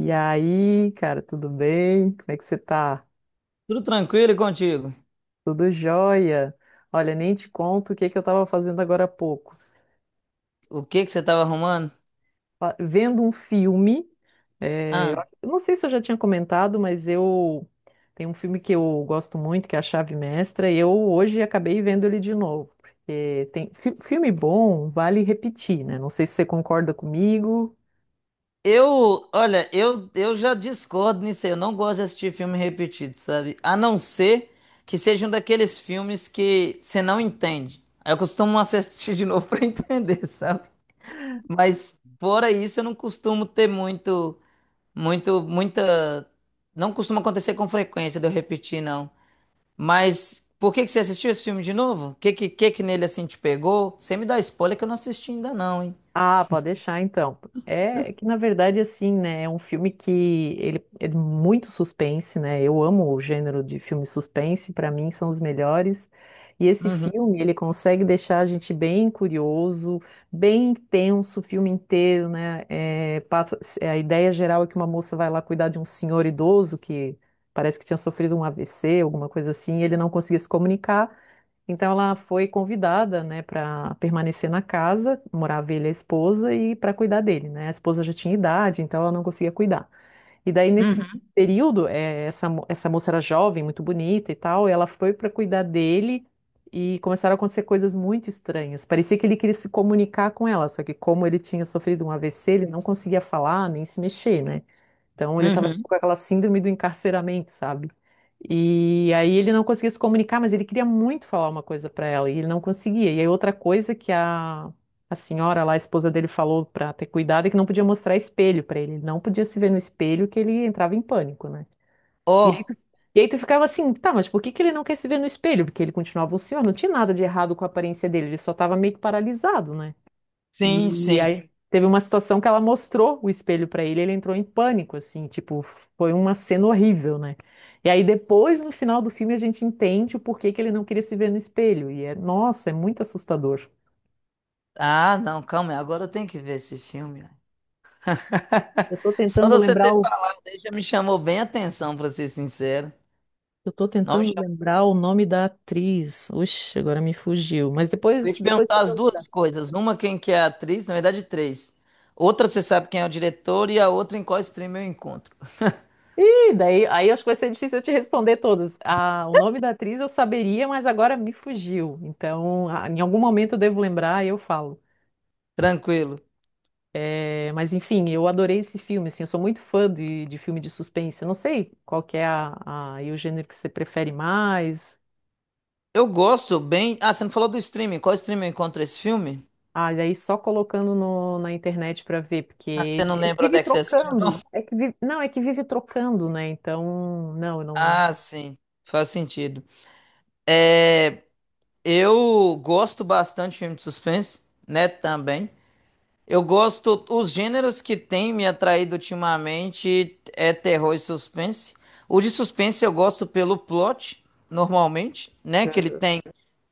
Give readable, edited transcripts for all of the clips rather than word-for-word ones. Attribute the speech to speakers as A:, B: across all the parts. A: E aí, cara, tudo bem? Como é que você tá?
B: Tudo tranquilo e contigo?
A: Tudo jóia? Olha, nem te conto o que que eu tava fazendo agora há pouco.
B: O que que você estava arrumando?
A: Vendo um filme,
B: Ah,
A: eu não sei se eu já tinha comentado, mas eu tem um filme que eu gosto muito, que é A Chave Mestra, e eu hoje acabei vendo ele de novo. Porque tem filme bom, vale repetir, né? Não sei se você concorda comigo.
B: olha, eu já discordo nisso aí. Eu não gosto de assistir filme repetido, sabe? A não ser que seja um daqueles filmes que você não entende. Aí eu costumo assistir de novo para entender, sabe? Mas fora isso, eu não costumo ter muita. Não costuma acontecer com frequência de eu repetir, não. Mas por que que você assistiu esse filme de novo? O que nele assim te pegou? Você me dá spoiler que eu não assisti ainda, não, hein?
A: Ah, pode deixar então. É que na verdade assim, né, é um filme que ele é muito suspense, né? Eu amo o gênero de filme suspense, para mim são os melhores. E esse
B: Uhum,
A: filme, ele consegue deixar a gente bem curioso, bem intenso o filme inteiro, né? É, passa, a ideia geral é que uma moça vai lá cuidar de um senhor idoso que parece que tinha sofrido um AVC, alguma coisa assim, e ele não conseguia se comunicar. Então ela foi convidada, né, para permanecer na casa, morava ele e a esposa e para cuidar dele, né? A esposa já tinha idade, então ela não conseguia cuidar. E daí nesse
B: uhum,
A: período, essa moça era jovem, muito bonita e tal, e ela foi para cuidar dele e começaram a acontecer coisas muito estranhas. Parecia que ele queria se comunicar com ela, só que como ele tinha sofrido um AVC, ele não conseguia falar nem se mexer, né? Então ele estava
B: uhum.
A: com aquela síndrome do encarceramento, sabe? E aí ele não conseguia se comunicar, mas ele queria muito falar uma coisa para ela e ele não conseguia. E aí outra coisa a senhora lá, a esposa dele, falou para ter cuidado é que não podia mostrar espelho para ele. Ele não podia se ver no espelho que ele entrava em pânico, né? E aí,
B: Oh,
A: tu- e aí tu ficava assim, tá, mas por que que ele não quer se ver no espelho? Porque ele continuava o senhor, não tinha nada de errado com a aparência dele, ele só estava meio que paralisado, né?
B: sim,
A: E
B: sim.
A: aí teve uma situação que ela mostrou o espelho pra ele, ele entrou em pânico, assim, tipo, foi uma cena horrível, né? E aí depois, no final do filme, a gente entende o porquê que ele não queria se ver no espelho. E é, nossa, é muito assustador.
B: Ah, não, calma aí. Agora eu tenho que ver esse filme, ó.
A: Eu tô
B: Só de
A: tentando
B: você
A: lembrar
B: ter
A: o,
B: falado aí já me chamou bem a atenção, pra ser sincero.
A: eu tô
B: Não me
A: tentando
B: chamou.
A: lembrar o nome da atriz. Oxe, agora me fugiu. Mas
B: Eu ia
A: depois,
B: te
A: depois
B: perguntar
A: quando eu
B: as
A: lembrar.
B: duas coisas. Uma, quem que é a atriz, na verdade, três. Outra, você sabe quem é o diretor, e a outra, em qual stream eu encontro.
A: Ih, aí acho que vai ser difícil eu te responder todas. Ah, o nome da atriz eu saberia, mas agora me fugiu. Então, ah, em algum momento eu devo lembrar e eu falo.
B: Tranquilo.
A: É, mas enfim, eu adorei esse filme, assim, eu sou muito fã de filme de suspense. Eu não sei qual que é o gênero que você prefere mais.
B: Eu gosto bem. Ah, você não falou do streaming. Qual stream eu encontro esse filme?
A: Ah, e aí só colocando na internet pra ver,
B: Ah,
A: porque
B: você não lembra onde
A: vive
B: é que você assistiu, não?
A: trocando. É que não, é que vive trocando, né? Então, não, eu não,
B: Ah, sim. Faz sentido. Eu gosto bastante de filme de suspense, né? Também. Eu gosto. Os gêneros que têm me atraído ultimamente é terror e suspense. O de suspense eu gosto pelo plot, normalmente, né? Que ele
A: Uhum.
B: tem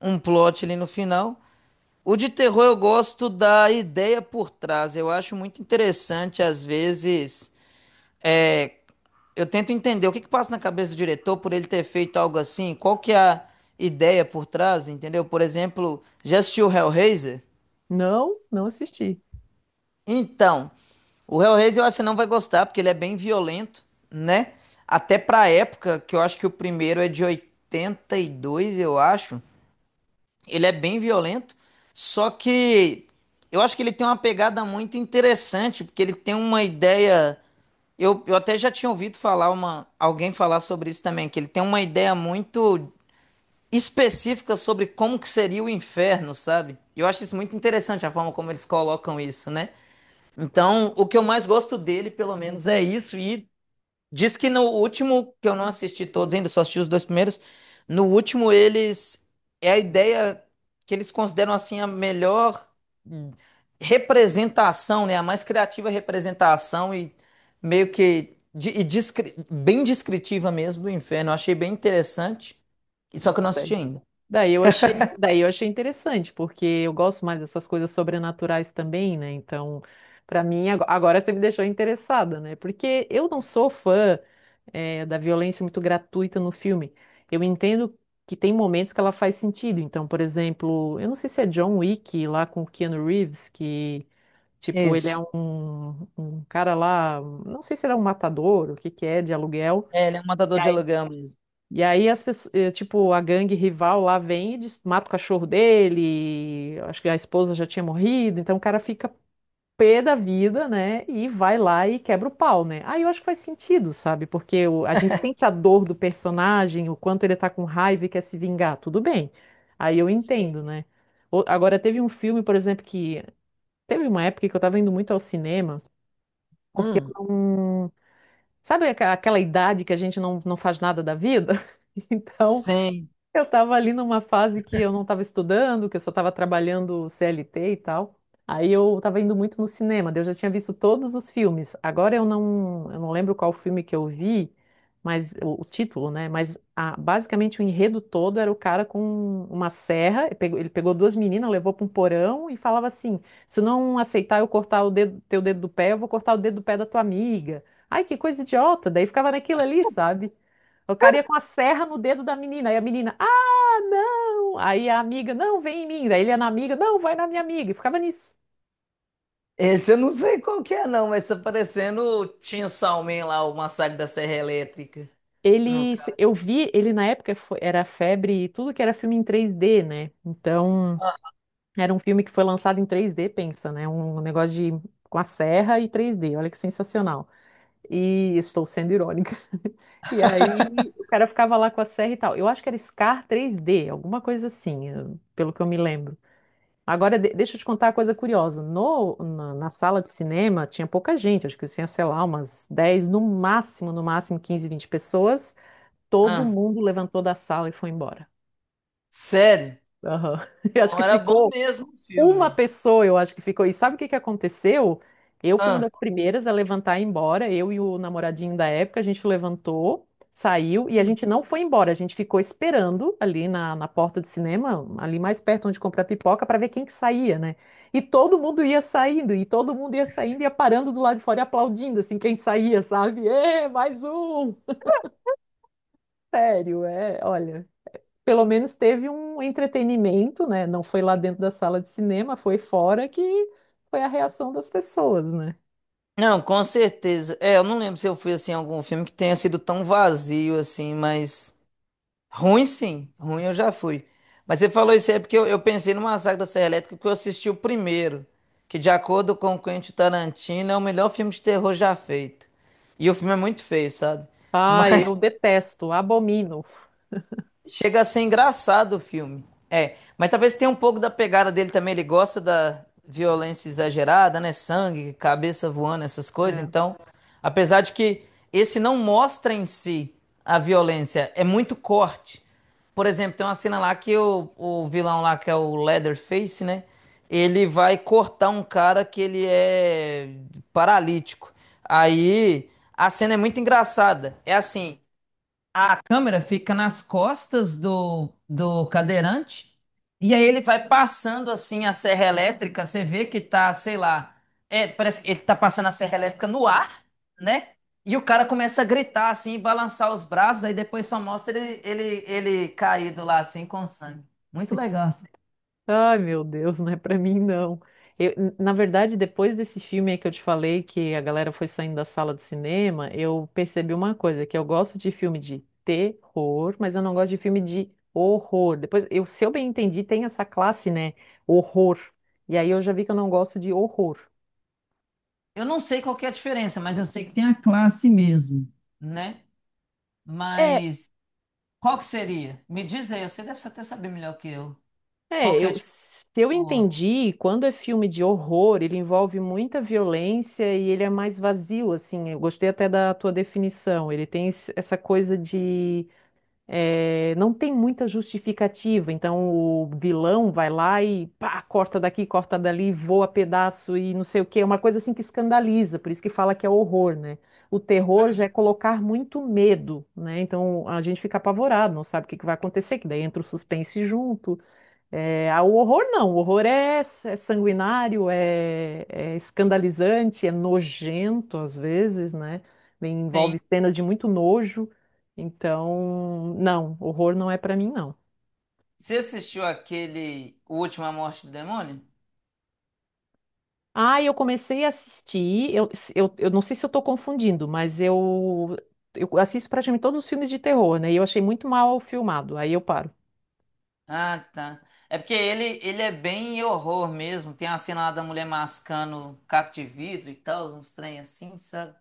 B: um plot ali no final. O de terror eu gosto da ideia por trás. Eu acho muito interessante, às vezes, é, eu tento entender o que que passa na cabeça do diretor por ele ter feito algo assim, qual que é a ideia por trás, entendeu? Por exemplo, já assistiu o Hellraiser?
A: Não, não assisti.
B: Então, o Hellraiser eu acho que você não vai gostar, porque ele é bem violento, né? Até pra época, que eu acho que o primeiro é de 82, eu acho. Ele é bem violento, só que eu acho que ele tem uma pegada muito interessante, porque ele tem uma ideia. Eu até já tinha ouvido falar alguém falar sobre isso também, que ele tem uma ideia muito específica sobre como que seria o inferno, sabe? E eu acho isso muito interessante a forma como eles colocam isso, né? Então, o que eu mais gosto dele, pelo menos, é isso. E diz que no último, que eu não assisti todos ainda, só assisti os dois primeiros. No último, eles. É a ideia que eles consideram assim a melhor, hum, representação, né? A mais criativa representação e meio que bem descritiva mesmo do inferno. Eu achei bem interessante. Só que eu não assisti ainda.
A: Daí eu achei interessante, porque eu gosto mais dessas coisas sobrenaturais também, né? Então, pra mim, agora você me deixou interessada, né? Porque eu não sou fã, da violência muito gratuita no filme. Eu entendo que tem momentos que ela faz sentido. Então, por exemplo, eu não sei se é John Wick lá com o Keanu Reeves, que, tipo, ele
B: Isso.
A: é um cara lá, não sei se ele é um matador, o que que é, de aluguel.
B: É, ele é um matador de aluguel mesmo.
A: E aí as pessoas, tipo, a gangue rival lá vem e mata o cachorro dele, acho que a esposa já tinha morrido, então o cara fica pé da vida, né? E vai lá e quebra o pau, né? Aí eu acho que faz sentido, sabe? Porque a gente sente a dor do personagem, o quanto ele tá com raiva e quer se vingar, tudo bem. Aí eu
B: Sim.
A: entendo, né? Agora teve um filme, por exemplo, que teve uma época que eu tava indo muito ao cinema, porque eu
B: Hum.
A: não... Sabe aquela idade que a gente não faz nada da vida? Então,
B: Sim.
A: eu estava ali numa fase que eu não estava estudando, que eu só estava trabalhando CLT e tal. Aí eu estava indo muito no cinema, daí eu já tinha visto todos os filmes. Agora eu não lembro qual filme que eu vi, mas o título, né? Mas basicamente o enredo todo era o cara com uma serra, ele pegou duas meninas, levou para um porão e falava assim: se não aceitar eu cortar o dedo, teu dedo do pé, eu vou cortar o dedo do pé da tua amiga. Ai, que coisa idiota! Daí ficava naquilo ali, sabe? O cara ia com a serra no dedo da menina, aí a menina, ah, não! Aí a amiga, não, vem em mim. Daí ele ia na amiga, não, vai na minha amiga. E ficava nisso.
B: Esse eu não sei qual que é, não, mas tá parecendo o Chainsaw Man lá, o Massacre da Serra Elétrica. No...
A: Ele,
B: ca-
A: eu vi, ele na época era febre, e tudo que era filme em 3D, né? Então, era um filme que foi lançado em 3D, pensa, né? Um negócio de, com a serra e 3D, olha que sensacional. E estou sendo irônica. E aí o cara ficava lá com a serra e tal. Eu acho que era Scar 3D, alguma coisa assim, pelo que eu me lembro. Agora, deixa eu te contar uma coisa curiosa. No, na, na sala de cinema tinha pouca gente, acho que tinha, sei lá, umas 10 no máximo, no máximo 15, 20 pessoas. Todo
B: Ah,
A: mundo levantou da sala e foi embora.
B: sério?
A: Aham. Eu acho
B: Então
A: que
B: era bom
A: ficou
B: mesmo o filme.
A: eu acho que ficou. E sabe o que que aconteceu? Eu fui uma
B: Ah,
A: das primeiras a levantar e ir embora. Eu e o namoradinho da época, a gente levantou, saiu e a gente não foi embora. A gente ficou esperando ali na porta do cinema, ali mais perto onde comprar pipoca, para ver quem que saía, né? E todo mundo ia saindo, ia parando do lado de fora e aplaudindo, assim, quem saía, sabe? Ê, mais um! Sério, é, olha pelo menos teve um entretenimento, né? Não foi lá dentro da sala de cinema, foi fora que foi a reação das pessoas, né?
B: não, com certeza. É, eu não lembro se eu fui assim em algum filme que tenha sido tão vazio assim, mas ruim sim, ruim eu já fui. Mas você falou isso aí é porque eu pensei no Massacre da Serra Elétrica porque eu assisti o primeiro, que de acordo com o Quentin Tarantino é o melhor filme de terror já feito. E o filme é muito feio, sabe?
A: Ai, eu
B: Mas
A: detesto, abomino.
B: chega a ser engraçado o filme. É, mas talvez tenha um pouco da pegada dele também. Ele gosta da violência exagerada, né? Sangue, cabeça voando, essas coisas.
A: É.
B: Então, apesar de que esse não mostra em si a violência, é muito corte. Por exemplo, tem uma cena lá que o vilão lá, que é o Leatherface, né? Ele vai cortar um cara que ele é paralítico. Aí a cena é muito engraçada. É assim, câmera fica nas costas do cadeirante e aí ele vai passando assim a serra elétrica. Você vê que tá, sei lá, parece que ele tá passando a serra elétrica no ar, né? E o cara começa a gritar assim, balançar os braços, aí depois só mostra ele caído lá assim com sangue. Muito legal.
A: Ai, meu Deus, não é pra mim, não. Eu, na verdade, depois desse filme aí que eu te falei, que a galera foi saindo da sala de cinema, eu percebi uma coisa, que eu gosto de filme de terror, mas eu não gosto de filme de horror. Depois, eu, se eu bem entendi, tem essa classe, né? Horror. E aí eu já vi que eu não gosto de horror.
B: Eu não sei qual que é a diferença, mas eu sei que tem a classe mesmo, né?
A: É.
B: Mas qual que seria? Me diz aí, você deve até saber melhor que eu. Qual
A: É,
B: que é a
A: eu,
B: diferença
A: se eu
B: do outro?
A: entendi, quando é filme de horror, ele envolve muita violência e ele é mais vazio, assim. Eu gostei até da tua definição. Ele tem essa coisa de não tem muita justificativa. Então o vilão vai lá e pá, corta daqui, corta dali, voa pedaço e não sei o quê. É uma coisa assim que escandaliza, por isso que fala que é horror, né? O terror já é colocar muito medo, né? Então a gente fica apavorado, não sabe o que que vai acontecer, que daí entra o suspense junto. É, ah, o horror não, é sanguinário, é escandalizante, é nojento às vezes, né? Envolve
B: Sim.
A: cenas de muito nojo. Então, não, horror não é pra mim, não.
B: Você assistiu aquele O Última Morte do Demônio?
A: Ah, eu comecei a assistir, eu não sei se eu tô confundindo, mas eu assisto praticamente todos os filmes de terror, né? E eu achei muito mal filmado, aí eu paro.
B: Ah, tá. É porque ele é bem horror mesmo. Tem a cena lá da mulher mascando caco de vidro e tal, uns trem assim, sabe?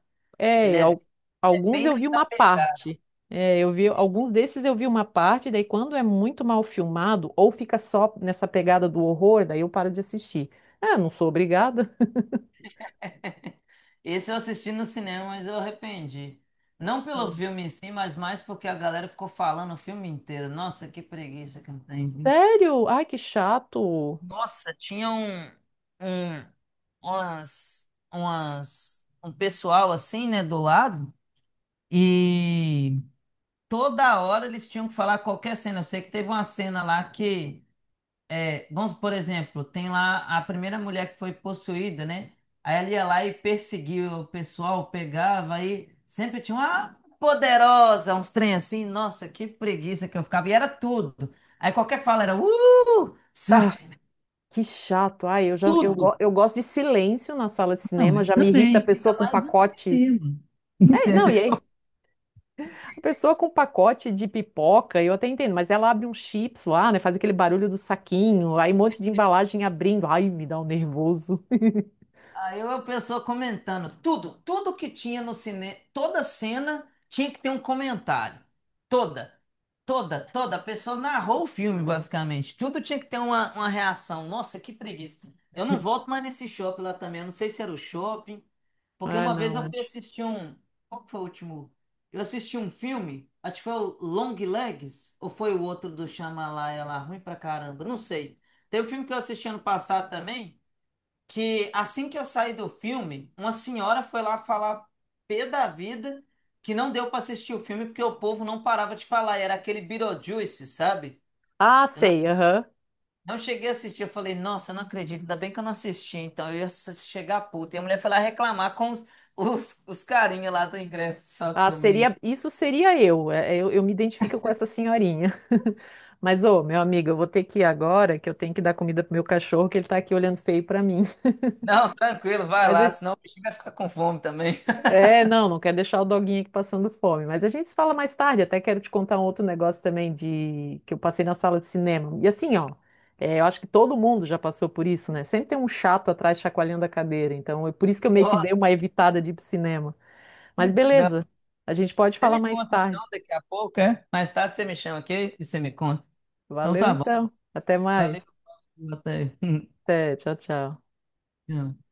B: Ele
A: É,
B: é, é
A: alguns
B: bem
A: eu vi
B: nessa
A: uma
B: pegada.
A: parte. É, eu vi alguns desses eu vi uma parte, daí quando é muito mal filmado ou fica só nessa pegada do horror, daí eu paro de assistir. Ah, não sou obrigada.
B: Esse eu assisti no cinema, mas eu arrependi. Não pelo
A: Hum.
B: filme em si, mas mais porque a galera ficou falando o filme inteiro. Nossa, que preguiça que eu tenho, viu?
A: Sério? Ai, que chato.
B: Nossa, tinha um, um pessoal assim, né, do lado. E toda hora eles tinham que falar qualquer cena. Eu sei que teve uma cena lá que, por exemplo, tem lá a primeira mulher que foi possuída, né? Aí ela ia lá e perseguia o pessoal, pegava, aí sempre tinha uma poderosa, uns trem assim. Nossa, que preguiça que eu ficava. E era tudo. Aí qualquer fala era,
A: Ah,
B: sabe?
A: que chato. Ai, eu já eu,
B: Tudo.
A: go- eu gosto de silêncio na sala de
B: Não,
A: cinema,
B: eu
A: já me irrita a
B: também.
A: pessoa
B: Ainda
A: com
B: mais no
A: pacote.
B: cinema.
A: É, não,
B: Entendeu?
A: e aí a pessoa com pacote de pipoca, eu até entendo, mas ela abre um chips lá, né? Faz aquele barulho do saquinho, aí um monte de embalagem abrindo. Ai, me dá um nervoso.
B: Aí eu, a pessoa comentando tudo, tudo que tinha no cinema, toda cena tinha que ter um comentário. Toda, toda. A pessoa narrou o filme, basicamente. Tudo tinha que ter uma reação. Nossa, que preguiça. Eu não volto mais nesse shopping lá também. Eu não sei se era o shopping, porque
A: Ah,
B: uma vez eu
A: não.
B: fui assistir um. Qual que foi o último? Eu assisti um filme, acho que foi o Long Legs, ou foi o outro do Shyamalan, é lá, ruim pra caramba, não sei. Teve um filme que eu assisti ano passado também que assim que eu saí do filme, uma senhora foi lá falar pé da vida que não deu para assistir o filme porque o povo não parava de falar, e era aquele Beetlejuice, sabe?
A: Ah,
B: Eu não,
A: sei, aham.
B: não cheguei a assistir, eu falei, nossa, eu não acredito, ainda bem que eu não assisti, então eu ia s- chegar puta. E a mulher foi lá reclamar com os carinhas lá do ingresso, sabe, sobre isso.
A: Isso seria eu. Eu me identifico com essa senhorinha. Mas, ô, meu amigo, eu vou ter que ir agora, que eu tenho que dar comida pro meu cachorro, que ele tá aqui olhando feio pra mim.
B: Não, tranquilo, vai
A: Mas,
B: lá, senão o bichinho vai ficar com fome também.
A: É, não, não quer deixar o doguinho aqui passando fome. Mas a gente se fala mais tarde. Até quero te contar um outro negócio também de que eu passei na sala de cinema. E assim, ó, é, eu acho que todo mundo já passou por isso, né? Sempre tem um chato atrás chacoalhando a cadeira. Então, é por isso que eu meio que dei uma
B: Nossa,
A: evitada de ir pro cinema. Mas
B: não.
A: beleza, a gente pode
B: Você
A: falar
B: me
A: mais
B: conta
A: tarde.
B: então daqui a pouco, é? Mais tarde você me chama aqui e você me conta. Então
A: Valeu
B: tá bom,
A: então. Até
B: valeu.
A: mais.
B: Até.
A: Até, tchau, tchau.
B: Yeah.